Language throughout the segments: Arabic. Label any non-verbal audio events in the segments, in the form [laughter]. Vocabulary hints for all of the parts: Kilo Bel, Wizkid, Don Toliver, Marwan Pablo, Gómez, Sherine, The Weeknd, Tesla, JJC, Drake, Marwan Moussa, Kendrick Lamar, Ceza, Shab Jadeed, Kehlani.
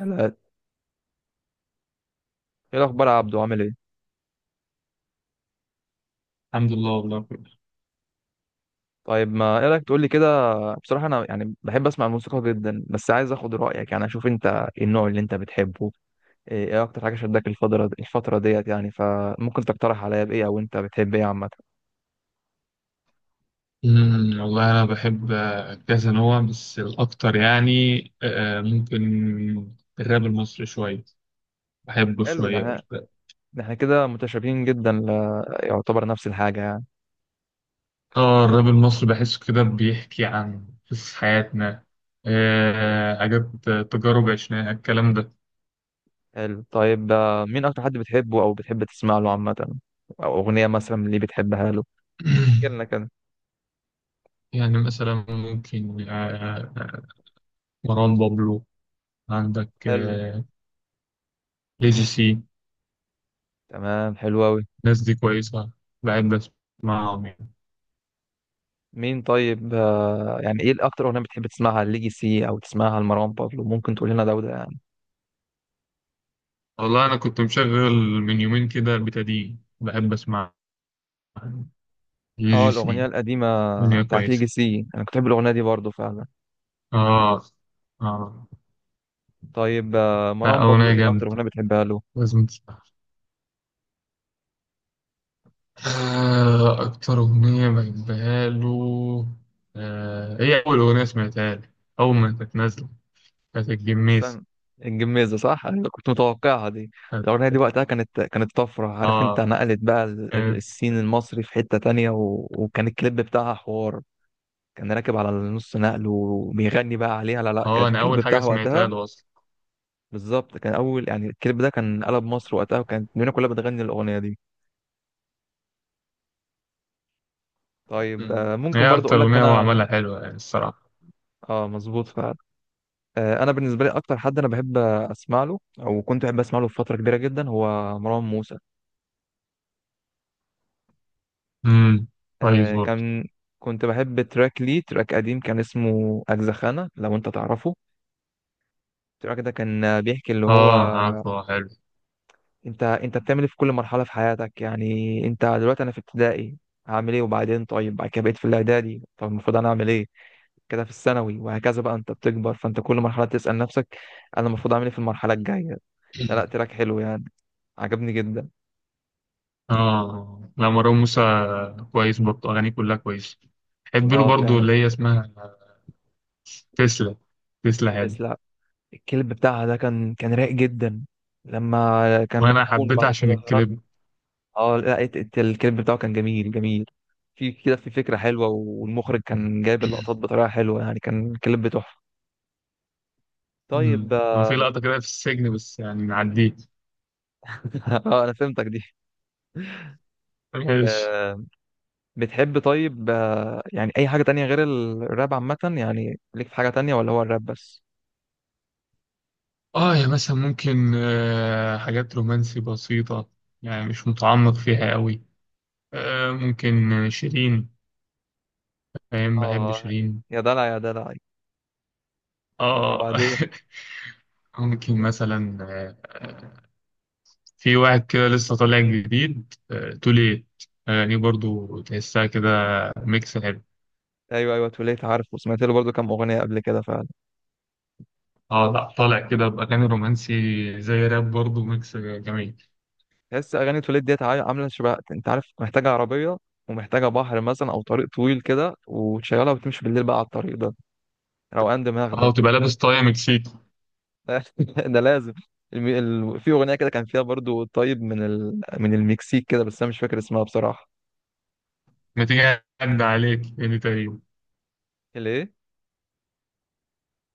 لا. ايه الاخبار يا عبدو؟ عامل ايه؟ الحمد لله. والله كله. طيب ما ايه رايك تقول لي كده. بصراحه انا يعني بحب اسمع الموسيقى جدا، بس عايز اخد رايك يعني اشوف انت إيه النوع اللي انت بتحبه. ايه إيه اكتر حاجه شدك الفتره ديت؟ يعني فممكن تقترح عليا بايه، او انت بتحب ايه عامه؟ والله أنا بحب، كذا نوع، بس الأكتر يعني، ممكن الراب المصري شوية. بحبه حلو. ده شوية احنا ده إحنا كده متشابهين جدا ل... يعتبر نفس الحاجه يعني. اه، الراب المصري بحسه كده بيحكي عن قصص حياتنا، ايوه. حاجات، تجارب عشناها الكلام ده. حلو. طيب مين اكتر حد بتحبه او بتحب تسمع له عامه، او اغنيه مثلا اللي بتحبها له؟ احكي لنا [clears throat] كده. يعني مثلا ممكن، آه، مروان بابلو، عندك، حلو. ليجيسي. تمام، حلو قوي. الناس دي كويسة، بحب أسمعهم يعني. مين طيب يعني ايه الاكتر اغنيه بتحب تسمعها ليجاسي، او تسمعها لمروان بابلو؟ ممكن تقول لنا ده وده يعني. والله أنا كنت مشغل من يومين كده البتادين، بحب أسمع جي اه، جي الاغنيه سي. القديمه أغنية بتاعت كويسة. ليجاسي انا كنت بحب الاغنيه دي برضو فعلا. آه. آه. طيب لا، مروان بابلو أغنية ايه اكتر جامدة، اغنيه بتحبها له؟ لازم تسمعها. أكتر أغنية بحبها له، هي أول أغنية سمعتها لي أول ما كانت نازلة، كانت الجميز. استنى، الجميزه صح، انا كنت متوقعها دي. كانت. الاغنيه دي وقتها كانت طفره، عارف انت آه. نقلت بقى كانت. السين المصري في حته تانية و... وكان الكليب بتاعها حوار. كان راكب على النص نقل وبيغني بقى عليها. لا لا، كان أنا الكليب أول حاجة بتاعها سمعتها وقتها له أصلا. بالظبط كان اول، يعني الكليب ده كان قلب مصر وقتها، وكانت الدنيا كلها بتغني الاغنيه دي. طيب مم. ممكن هي برضو أكتر اقول لك أغنية هو انا. عملها، حلوة يعني الصراحة. اه مظبوط فعلا. انا بالنسبه لي اكتر حد انا بحب اسمع له، او كنت بحب اسمع له في فتره كبيره جدا، هو مروان موسى. امم كويس آه، برضه. كان كنت بحب تراك ليه، تراك قديم كان اسمه اجزخانه لو انت تعرفه. التراك ده كان بيحكي اللي هو آه، عارفه، حلو. انت بتعمل ايه في كل مرحله في حياتك، يعني انت دلوقتي انا في ابتدائي هعمل ايه، وبعدين طيب بعد كده بقيت في الاعدادي طب المفروض انا اعمل ايه، كده في الثانوي وهكذا بقى انت بتكبر، فانت كل مرحله تسال نفسك انا المفروض اعمل ايه في المرحله الجايه. لا لا تراك حلو يعني، عجبني جدا. اه، لا، مروان موسى كويس برضه، اغانيه كلها كويسه. بحب له اه برضه فعلا. اللي هي اسمها تسلا. تسلا حلو. يس لا. الكلب بتاعها ده كان رايق جدا، لما كان وانا مدفون حبيتها وبعد عشان كده خرج. الكليب. اه لا، الكليب بتاعه كان جميل جميل، في كده في فكرة حلوة، والمخرج كان جايب اللقطات بطريقة حلوة، يعني كان الكليب تحفة. طيب مم. هو في اه. لقطه كده في السجن بس يعني نعديه. [laughs] انا فهمتك دي. ماشي. آه بتحب طيب آه، يعني اي حاجة تانية غير الراب عامة، يعني ليك في حاجة تانية ولا هو الراب بس؟ اه، يا مثلا ممكن حاجات رومانسي بسيطه، يعني مش متعمق فيها قوي. ممكن شيرين، فاهم، بحب اه، شيرين. يا دلع يا دلع. اه. وبعدين. [laughs] ممكن مثلا، آه، في واحد كده لسه طالع جديد، توليت. أغانيه برضو تحسها كده ميكس حلو. ايوه ايوه، توليت عارف وسمعت له برضه كام اغنية قبل كده. اه، لا طالع كده بأغاني رومانسي زي راب برضو، ميكس جميل. تحس اغاني توليد ديت عامله شبه، انت عارف، محتاجه عربيه ومحتاجه بحر مثلا، او طريق طويل كده، وتشغلها وتمشي بالليل بقى على الطريق ده، روقان دماغ اه، ده. وتبقى لابس طاية مكسيكي. [laughs] ده لازم. الم... في اغنيه كده كان فيها برضو طيب من ال... من المكسيك كده، بس انا مش فاكر اسمها بصراحه. ما تيجي أعدي عليك، هي دي تقريبا. ليه.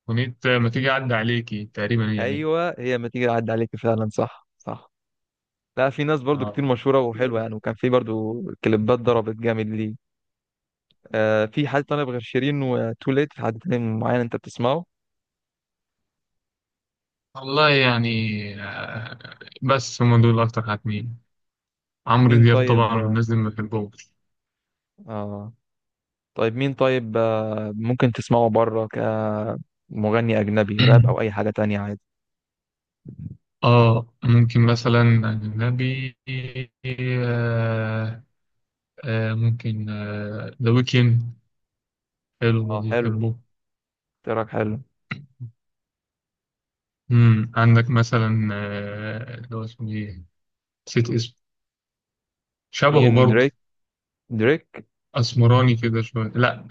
أغنية ما تيجي أعدي عليكي، تقريبا هي دي. ايوه، هي ما تيجي اعدي عليك فعلا، صح صح. لا، في ناس برضو كتير اه، مشهوره وحلوه يعني، وكان في برضو كليبات ضربت جامد ليه. آه في حد طالب غير شيرين وتوليت، في حد تاني معين انت بتسمعه؟ والله يعني، آه، بس هم دول أكتر حاجتين. عمرو مين دياب طيب. طبعا، والناس دي ما بحبهمش. اه. طيب مين طيب ممكن تسمعه بره كمغني أجنبي، راب أو أي [clears throat] حاجة تانية عادي؟ اه، ممكن مثلا أجنبي، آه ممكن ذا ويكند، حلو اه برضه، حلو، بحبه. تراك حلو. مم. عندك مثلا، اللي هو اسمه ايه؟ نسيت اسمه. شبهه مين، برضه، دريك؟ دريك. أسمراني كده شوية. لا.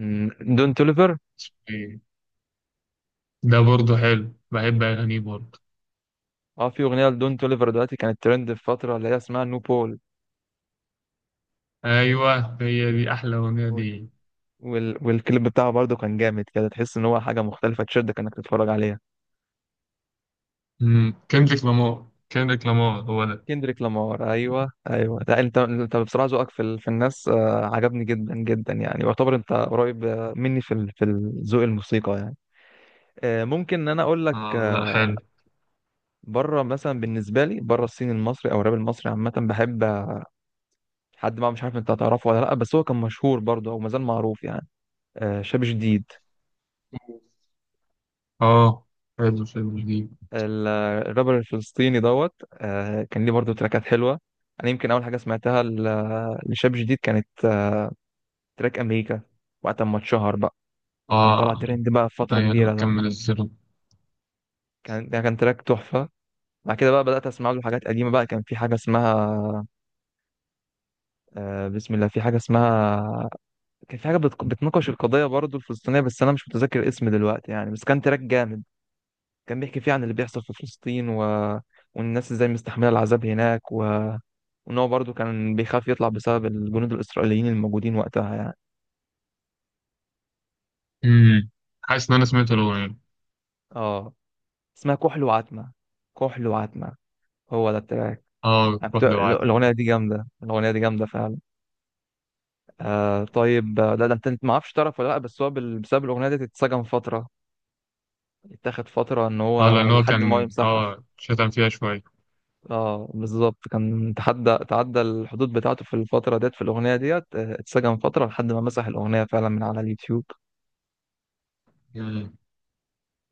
دون توليفر. اسمه ايه؟ ده برضه حلو، بحب أغانيه برضه. اه، في أغنية لدون توليفر دلوقتي كانت ترند في فترة اللي هي اسمها نو بول. أيوه، هي دي أحلى أغنية دي. والكليب بتاعه برضه كان جامد كده، تحس إن هو حاجة مختلفة تشدك إنك تتفرج عليها. مم. كندريك لامار. كندريك لامار هو ده. كندريك لامار، أيوه أيوه. لا، أنت بصراحة ذوقك في ال... في الناس عجبني جدا جدا، يعني يعتبر أنت قريب مني في ال... في الذوق الموسيقى يعني. ممكن انا اقول لك آه، لا، حلو. بره مثلا. بالنسبه لي بره الصين المصري او الراب المصري عامه بحب حد بقى، مش عارف انت هتعرفه ولا لا، بس هو كان مشهور برضه او مازال معروف يعني. شاب جديد، اه، حلو، فيلم جديد. ال- الرابر الفلسطيني دوت. كان ليه برضه تراكات حلوه. انا يمكن اول حاجه سمعتها لشاب جديد كانت تراك امريكا، وقت ما اتشهر بقى كان طالع اه، ترند بقى في فتره ايوه لما كبيره ده، كمل الزيرو. كان ده كان تراك تحفه. بعد كده بقى بدات اسمع له حاجات قديمه بقى، كان في حاجه اسمها بسم الله، في حاجه اسمها كان في حاجة بتناقش القضية برضه الفلسطينية، بس أنا مش متذكر الاسم دلوقتي يعني، بس كان تراك جامد، كان بيحكي فيه عن اللي بيحصل في فلسطين و... والناس ازاي مستحملة العذاب هناك و... وإن هو برضه كان بيخاف يطلع بسبب الجنود الإسرائيليين الموجودين وقتها يعني. امم حاسس ان انا سمعت الاغنيه. اه اسمها كحل وعتمة، كحل وعتمة، هو ده التراك. اه، أنا كنت- روح لوعدك. الأغنية دي جامدة، الأغنية دي جامدة فعلا. آه طيب لا ده أنت ما اعرفش تعرف ولا لأ، بس هو بسبب الأغنية دي اتسجن فترة، اتاخد فترة إن اه، هو لان هو لحد ما هو كان يمسحها. شتم فيها شويه. اه بالظبط، كان تحدى تعدى الحدود بتاعته في الفترة ديت في الأغنية ديت، اتسجن فترة لحد ما مسح الأغنية فعلا من على اليوتيوب. مم.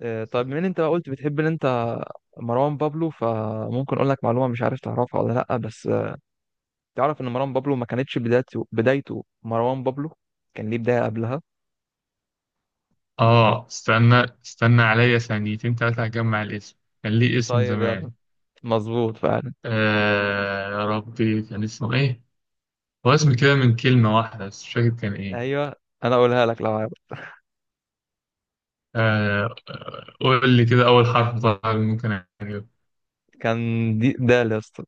طيب من انت قلت بتحب انت مروان بابلو، فممكن اقول لك معلومة مش عارف تعرفها ولا لأ بس تعرف ان مروان بابلو ما كانتش بدايته مروان بابلو، كان ليه بداية قبلها. اه، استنى، استنى عليا ثانيتين تلاته هجمع الاسم. كان ليه اسم طيب يلا. زمان. مظبوط فعلا. آه يا ربي، كان اسمه ايه؟ هو اسم كده من كلمه واحده بس، مش فاكر كان ايه. ايوه انا اقولها لك لو عارف. آه. قول لي كده اول حرف، طبعا ممكن اجيبه. كان دي ده يا اسطى.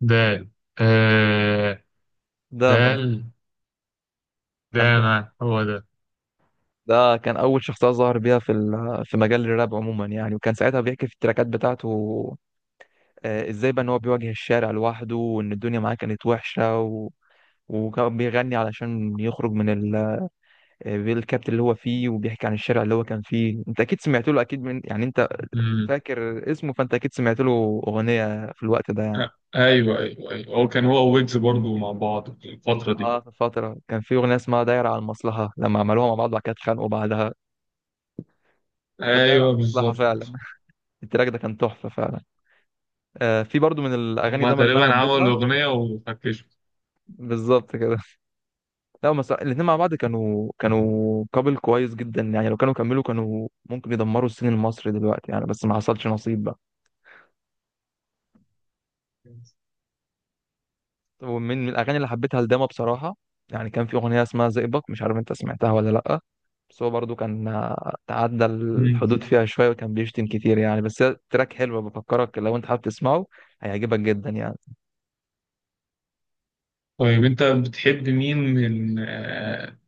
دال. آه. ده ما دال. كان داما هو. ده كان أول شخصية ظهر بيها في ال- في مجال الراب عموما يعني، وكان ساعتها بيحكي في التراكات بتاعته إزاي بقى إن هو بيواجه الشارع لوحده، وإن الدنيا معاه كانت وحشة و... وكان بيغني علشان يخرج من ال... الكابت اللي هو فيه، وبيحكي عن الشارع اللي هو كان فيه. أنت أكيد سمعت له، أكيد من يعني أنت ده فاكر اسمه، فأنت أكيد سمعت له أغنية في الوقت ده يعني. ايوه ايوه ايوه، هو كان هو ويجز برضو مع بعض في الفترة دي. اه، في فترة كان في أغنية اسمها دايرة على المصلحة لما عملوها مع بعض، وبعد كده اتخانقوا بعدها. كانت دايرة على ايوه المصلحة فعلا، بالظبط، التراك ده كان تحفة فعلا. في برضو من الاغاني هما دايما اللي انا تقريبا عملوا حبيتها. اغنية وفكشوا. بالظبط كده. لا هم الاثنين مع بعض كانوا كابل كويس جدا يعني، لو كانوا كملوا كانوا ممكن يدمروا السين المصري دلوقتي يعني، بس ما حصلش نصيب بقى. طب ومن الاغاني اللي حبيتها لداما بصراحه، يعني كان في اغنيه اسمها زئبق مش عارف انت سمعتها ولا لا، بس هو برضو كان تعدى مم. الحدود فيها شويه، وكان بيشتم كتير يعني، بس هي تراك حلو بفكرك لو انت حابب تسمعه، هيعجبك جدا يعني. طيب انت بتحب مين من آه،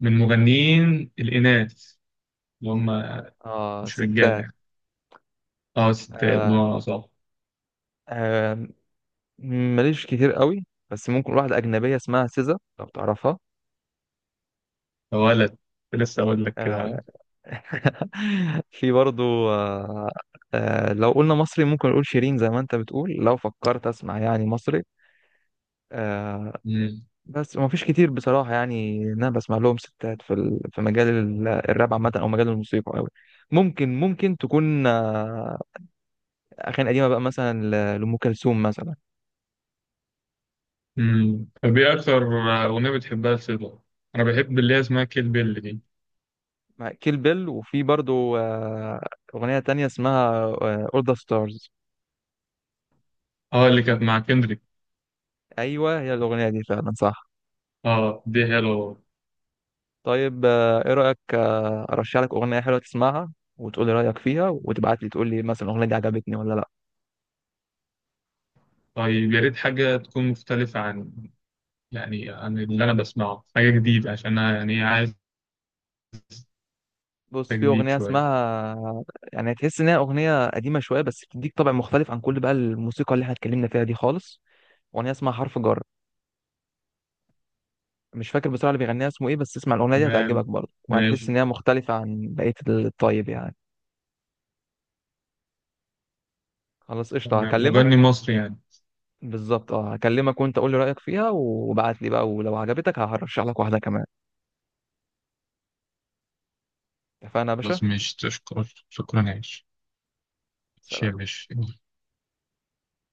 من مغنيين الاناث، اللي هم اه مش رجاله ستات. يعني؟ اه، ستات آه. بمعنى صح. آه. ماليش كتير قوي، بس ممكن واحدة أجنبية اسمها سيزا لو تعرفها. ولد. لسه اقول لك كده عليه. آه، [laughs] في برضو لو قلنا مصري ممكن نقول شيرين، زي ما انت بتقول لو فكرت اسمع يعني مصري. آه، مم. بس ما فيش كتير بصراحة، يعني إن انا بسمع لهم ستات في ال- في مجال ال- الراب عامة او مجال الموسيقى قوي. ممكن تكون اغاني قديمة بقى مثلا لأم كلثوم مثلا. مم. طب ايه اكتر اغنيه بتحبها لسيدو؟ انا بحب اللي هي اسمها كيل بيل دي. مع كيل بيل، وفي برضو أغنية تانية اسمها أول ذا ستارز. اه، اللي كانت مع كندريك. ايوه هي الاغنيه دي فعلا صح. اه، دي حلوه. طيب ايه رايك ارشح لك اغنيه حلوه تسمعها وتقول لي رايك فيها، وتبعت لي تقول لي مثلا الاغنيه دي عجبتني ولا لا. طيب يا ريت حاجة تكون مختلفة، عن يعني عن اللي أنا بسمعه، حاجة جديدة عشان أنا يعني إيه عايز بص في تجديد اغنيه شوية. اسمها، يعني تحس ان هي اغنيه قديمه شويه، بس بتديك طابع مختلف عن كل بقى الموسيقى اللي احنا اتكلمنا فيها دي خالص. اغنيه اسمها حرف جر، مش فاكر بصراحه اللي بيغنيها اسمه ايه، بس اسمع الاغنيه دي هتعجبك تمام، برضه، وهتحس ماشي. ان هي مختلفه عن بقيه الطيب يعني. خلاص قشطه، تمام، هكلمك. مغني مصري يعني. بالظبط، اه هكلمك وانت قول لي رايك فيها وبعت لي بقى، ولو عجبتك هرشح لك واحده كمان. اتفقنا يا باشا. خلاص ماشي، تشكر، شكرا عايش. ماشي يا سلام. باشا.